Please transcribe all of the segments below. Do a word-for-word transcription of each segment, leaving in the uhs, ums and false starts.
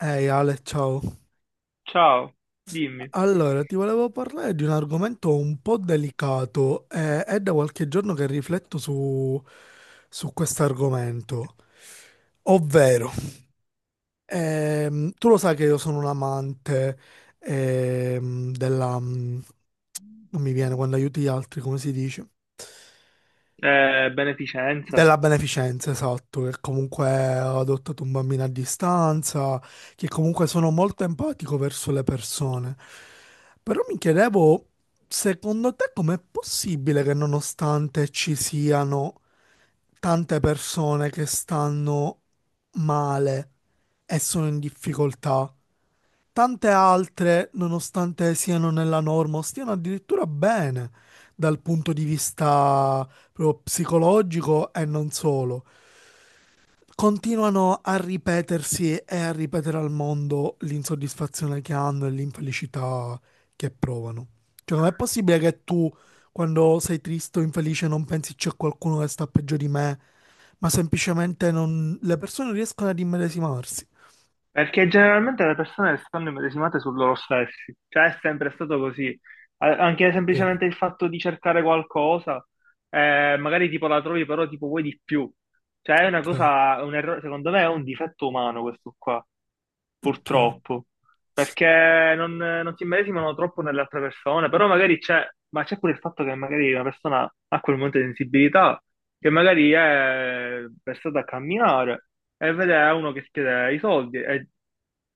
Ehi Ale, ciao. Ciao, dimmi. Allora, ti volevo parlare di un argomento un po' delicato. Eh, è da qualche giorno che rifletto su, su questo argomento. Ovvero, ehm, tu lo sai che io sono un amante ehm, della... mm, non mi viene, quando aiuti gli altri, come si dice? Eh, beneficenza. Della beneficenza, esatto, che comunque ho adottato un bambino a distanza, che comunque sono molto empatico verso le persone. Però mi chiedevo, secondo te com'è possibile che, nonostante ci siano tante persone che stanno male e sono in difficoltà, tante altre, nonostante siano nella norma, o stiano addirittura bene dal punto di vista proprio psicologico e non solo, continuano a ripetersi e a ripetere al mondo l'insoddisfazione che hanno e l'infelicità che provano. Cioè, com'è possibile che tu, quando sei triste o infelice, non pensi c'è qualcuno che sta peggio di me, ma semplicemente non... le persone riescono ad immedesimarsi? Perché generalmente le persone stanno immedesimate su loro stessi, cioè è sempre stato così. A- Anche Sì, semplicemente il fatto di cercare qualcosa, eh, magari tipo la trovi, però tipo vuoi di più. Cioè è una cioè, cosa, un errore, secondo me è un difetto umano questo qua, cioè. purtroppo, perché non, non si immedesimano troppo nell'altra persona, però magari c'è, ma c'è pure il fatto che magari una persona ha quel momento di sensibilità, che magari è versata a camminare e vede uno che chiede i soldi e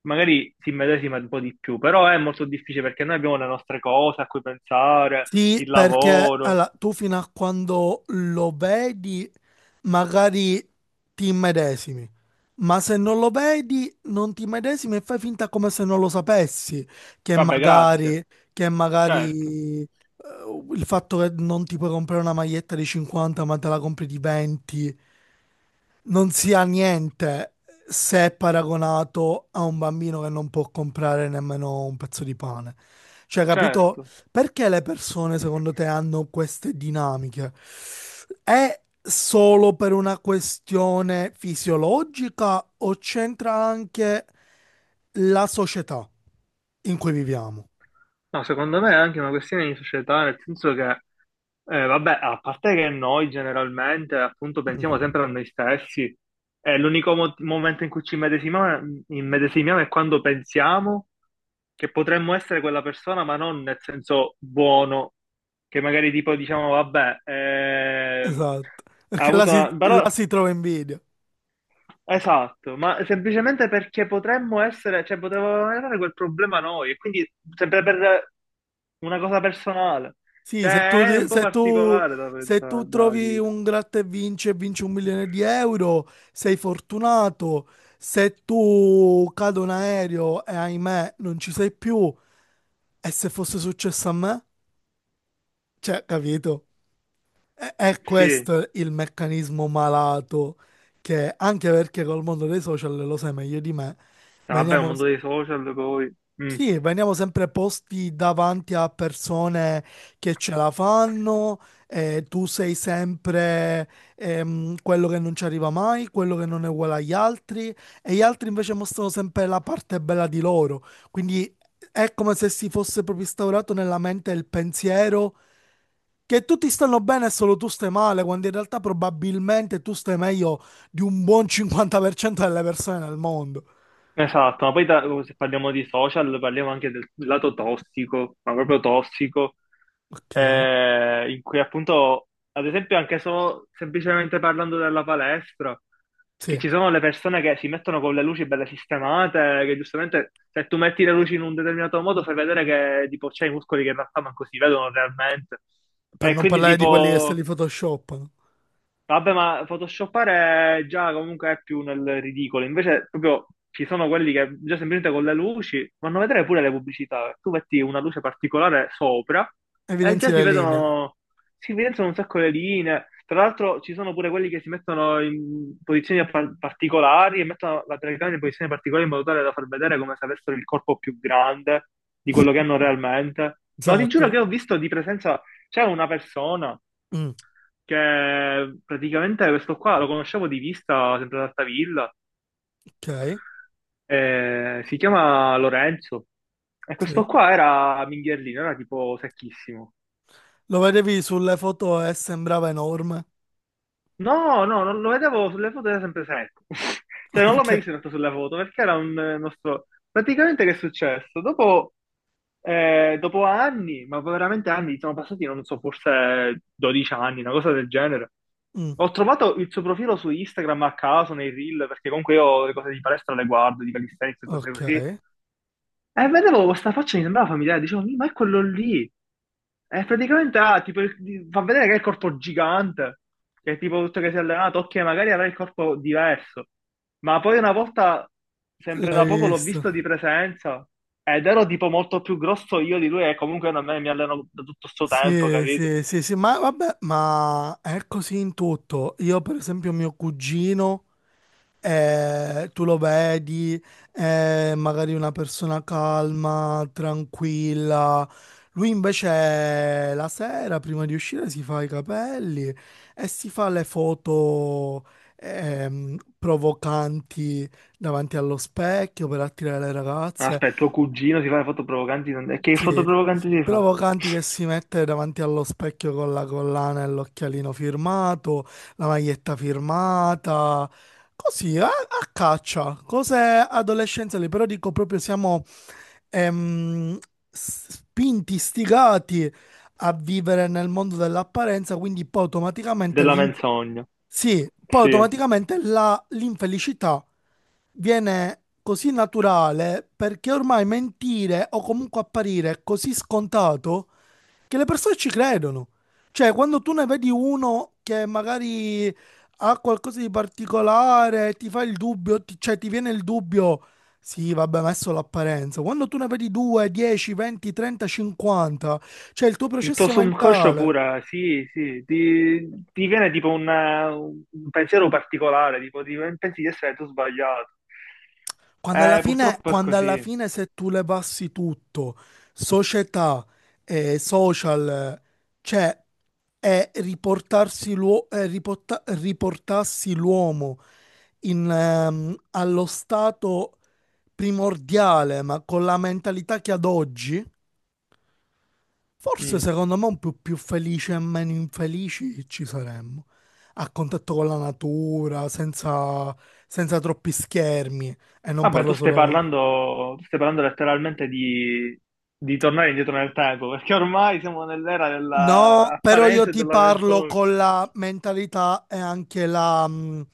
magari si immedesima un po' di più, però è molto difficile perché noi abbiamo le nostre cose a cui pensare, Sì, il perché lavoro. allora, tu fino a quando lo vedi, magari ti immedesimi, ma se non lo vedi, non ti immedesimi e fai finta come se non lo sapessi, che Vabbè, grazie. magari, che Certo, magari eh, il fatto che non ti puoi comprare una maglietta di cinquanta, ma te la compri di venti, non sia niente se è paragonato a un bambino che non può comprare nemmeno un pezzo di pane. Cioè, capito? certo. Perché le persone, secondo te, hanno queste dinamiche? È solo per una questione fisiologica o c'entra anche la società in cui viviamo? No, secondo me è anche una questione di società, nel senso che, eh, vabbè, a parte che noi generalmente appunto pensiamo Mm. sempre a noi stessi, e l'unico mo- momento in cui ci immedesimiamo, immedesimiamo è quando pensiamo che potremmo essere quella persona, ma non nel senso buono, che magari tipo diciamo, vabbè, eh, Esatto, ha perché là avuto si, una... là però si trova invidia. esatto, ma semplicemente perché potremmo essere, cioè potevamo avere quel problema noi, e quindi sempre per una cosa personale. Sì, se tu, Cioè, è un po' se tu- particolare da se tu pensare, da trovi dire. un gratta e vinci e vinci un milione di euro, sei fortunato. Se tu cade un aereo e ahimè non ci sei più, e se fosse successo a me? Cioè, capito? È, è Sì, questo il meccanismo malato che, anche perché col mondo dei social, lo sai meglio di me, vabbè, un veniamo, mondo dei social poi. Mm. sì, veniamo sempre posti davanti a persone che ce la fanno, e tu sei sempre ehm, quello che non ci arriva mai, quello che non è uguale agli altri, e gli altri invece mostrano sempre la parte bella di loro. Quindi è come se si fosse proprio instaurato nella mente il pensiero che tutti stanno bene e solo tu stai male, quando in realtà probabilmente tu stai meglio di un buon cinquanta per cento delle persone nel mondo. Esatto, ma poi da- uh, se parliamo di social parliamo anche del lato tossico, ma proprio tossico, Ok, eh, in cui appunto, ad esempio anche solo semplicemente parlando della palestra, che sì. ci sono le persone che si mettono con le luci belle sistemate, che giustamente se tu metti le luci in un determinato modo fai vedere che tipo c'è i muscoli che in realtà manco si vedono realmente. Per E non quindi parlare di quelli che se li tipo... photoshoppano. Vabbè, ma photoshoppare già comunque è più nel ridicolo. Invece, proprio ci sono quelli che già semplicemente con le luci vanno a vedere pure le pubblicità. Tu metti una luce particolare sopra e Evidenzi già si le linee. vedono, si evidenziano un sacco le linee. Tra l'altro, ci sono pure quelli che si mettono in posizioni par- particolari e mettono la telecamera in posizioni particolari in modo tale da far vedere come se avessero il corpo più grande di quello che hanno realmente. Ma ti giuro Esatto. che ho visto di presenza, c'era una persona Mm, che praticamente questo qua lo conoscevo di vista sempre ad Altavilla, ok, eh, si chiama Lorenzo e sì. questo qua era mingherlino, era tipo secchissimo. Lo vedevi sulle foto e sembrava enorme. No, no, non lo vedevo sulle foto, era sempre secco. Cioè, non l'ho mai Ok. visto in realtà sulle foto, perché era un eh, nostro... Praticamente che è successo? Dopo, eh, dopo anni, ma veramente anni, sono passati, non so, forse dodici anni, una cosa del genere. Mm, Ho trovato il suo profilo su Instagram a caso, nei reel, perché comunque io le cose di palestra le guardo, di calisthenics e cose ok. così. E vedevo questa faccia, mi sembrava familiare, dicevo: "Mi, ma è quello lì." E praticamente ah, tipo, il- di- fa vedere che ha il corpo gigante, che è tipo tutto che si è allenato, ok, magari avrà il corpo diverso. Ma poi una volta, sempre L'hai da poco, l'ho visto? visto di presenza ed ero tipo molto più grosso io di lui e comunque a me mi alleno da tutto sto tempo, Sì, capito? sì, sì, sì, ma vabbè, ma è così in tutto. Io, per esempio, mio cugino, eh, tu lo vedi, è magari una persona calma, tranquilla. Lui invece la sera, prima di uscire, si fa i capelli e si fa le foto ehm, provocanti davanti allo specchio per attirare le Ma ragazze. aspetta, tuo cugino si fa le foto provocanti? non- E che Sì, foto provocanti si fa? provocanti, che si mette davanti allo specchio con la collana e l'occhialino firmato, la maglietta firmata, così, a, a caccia, cose adolescenziali, però dico proprio siamo ehm, s- spinti, stigati a vivere nel mondo dell'apparenza, quindi poi automaticamente Della l'in- menzogna. sì, poi Sì. automaticamente la- l'infelicità viene così naturale perché ormai mentire o comunque apparire è così scontato che le persone ci credono. Cioè, quando tu ne vedi uno che magari ha qualcosa di particolare, ti fa il dubbio, ti- cioè ti viene il dubbio, sì, vabbè, ma è solo l'apparenza. Quando tu ne vedi due, dieci, venti, trenta, cinquanta, c'è il tuo Il tuo processo subconscio mentale. pure, sì, sì, ti, ti viene tipo un, un pensiero particolare, tipo ti- pensi di essere tu sbagliato. Quando alla Eh, fine, purtroppo è quando alla così. fine se tu le passi tutto, società, eh, social, cioè è riportarsi l'uo- è riporta- riportarsi l'uomo in, ehm, allo stato primordiale, ma con la mentalità che ad oggi, forse Mm. secondo me un po' più felici e meno infelici ci saremmo. A contatto con la natura, senza, senza troppi schermi. E non Vabbè, tu parlo stai solo... parlando, tu stai parlando letteralmente di, di tornare indietro nel tempo, perché ormai siamo nell'era No, però io dell'apparenza e ti della parlo menzogna. con la mentalità e anche la, mh,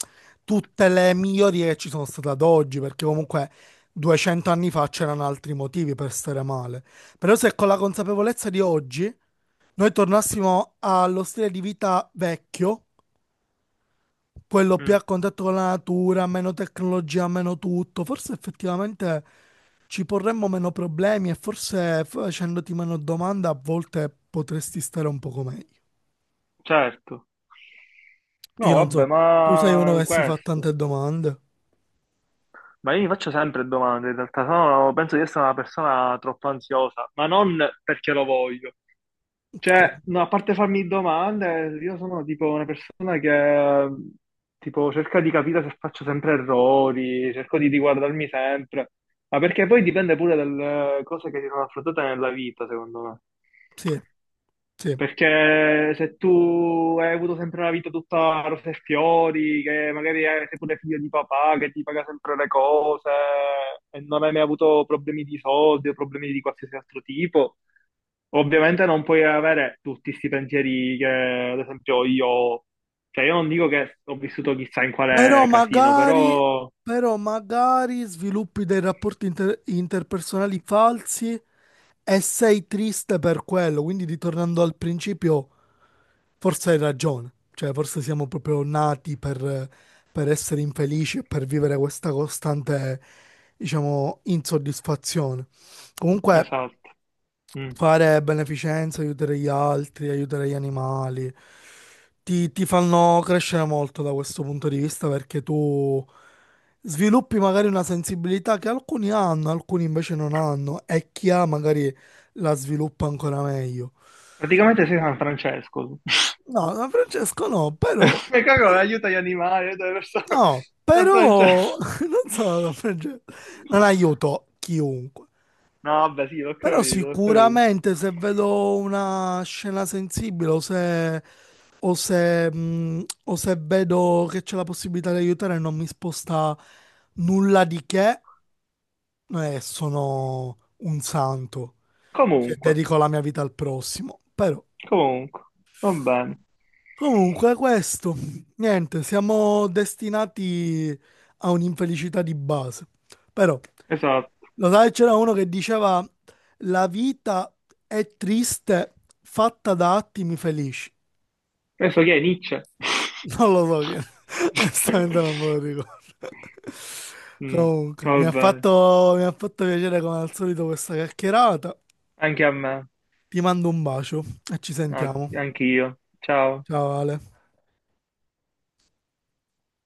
tutte le migliorie che ci sono state ad oggi, perché comunque duecento anni fa c'erano altri motivi per stare male. Però se con la consapevolezza di oggi noi tornassimo allo stile di vita vecchio, quello più Mm, a contatto con la natura, meno tecnologia, meno tutto, forse effettivamente ci porremmo meno problemi e forse facendoti meno domande a volte potresti stare un poco meglio. certo. Io No, non so, vabbè, tu sei uno ma che si fa questo. tante domande. Ma io mi faccio sempre domande, in realtà sono, penso di essere una persona troppo ansiosa, ma non perché lo voglio. Cioè, Cioè, no, a parte farmi domande, io sono tipo una persona che tipo cerca di capire se faccio sempre errori, cerco di riguardarmi sempre, ma perché poi dipende pure dalle cose che si sono affrontate nella vita, secondo me. sì, sì. Perché se tu hai avuto sempre una vita tutta rose e fiori, che magari eh, sei pure figlio di papà, che ti paga sempre le cose, e non hai mai avuto problemi di soldi o problemi di qualsiasi altro tipo, ovviamente non puoi avere tutti questi pensieri che, ad esempio, io ho. Cioè, io non dico che ho vissuto chissà in Però quale casino, magari, però... però magari sviluppi dei rapporti inter- interpersonali falsi e sei triste per quello. Quindi, ritornando al principio, forse hai ragione. Cioè, forse siamo proprio nati per, per essere infelici e per vivere questa costante, diciamo, insoddisfazione. Comunque. Esatto. Mm. Fare beneficenza, aiutare gli altri, aiutare gli animali, ti, ti fanno crescere molto da questo punto di vista perché tu sviluppi magari una sensibilità che alcuni hanno, alcuni invece non hanno e chi ha magari la sviluppa ancora meglio. Praticamente sei San Francesco. No, da Francesco no, però, E Coco però- aiuta gli animali, aiuta le persone. no, San però, Francesco. non so, da Francesco, non aiuto chiunque. No, vabbè, sì, l'ho Però capito, l'ho capito. sicuramente se vedo una scena sensibile o se, o se, mh, o se vedo che c'è la possibilità di aiutare e non mi sposta nulla di che, eh, sono un santo. Cioè, Comunque, dedico la mia vita al prossimo. Però, comunque, va bene. comunque, questo, niente, siamo destinati a un'infelicità di base. Però, Esatto. lo sai, c'era uno che diceva la vita è triste fatta da attimi felici. Adesso chi è Nietzsche? Non lo so che, onestamente non me lo ricordo. Mm, Comunque, va mi ha bene. fatto, mi ha fatto piacere come al solito questa chiacchierata. Anche a me, Ti mando un bacio e ci sentiamo. anche io. Ciao. Ciao Ale.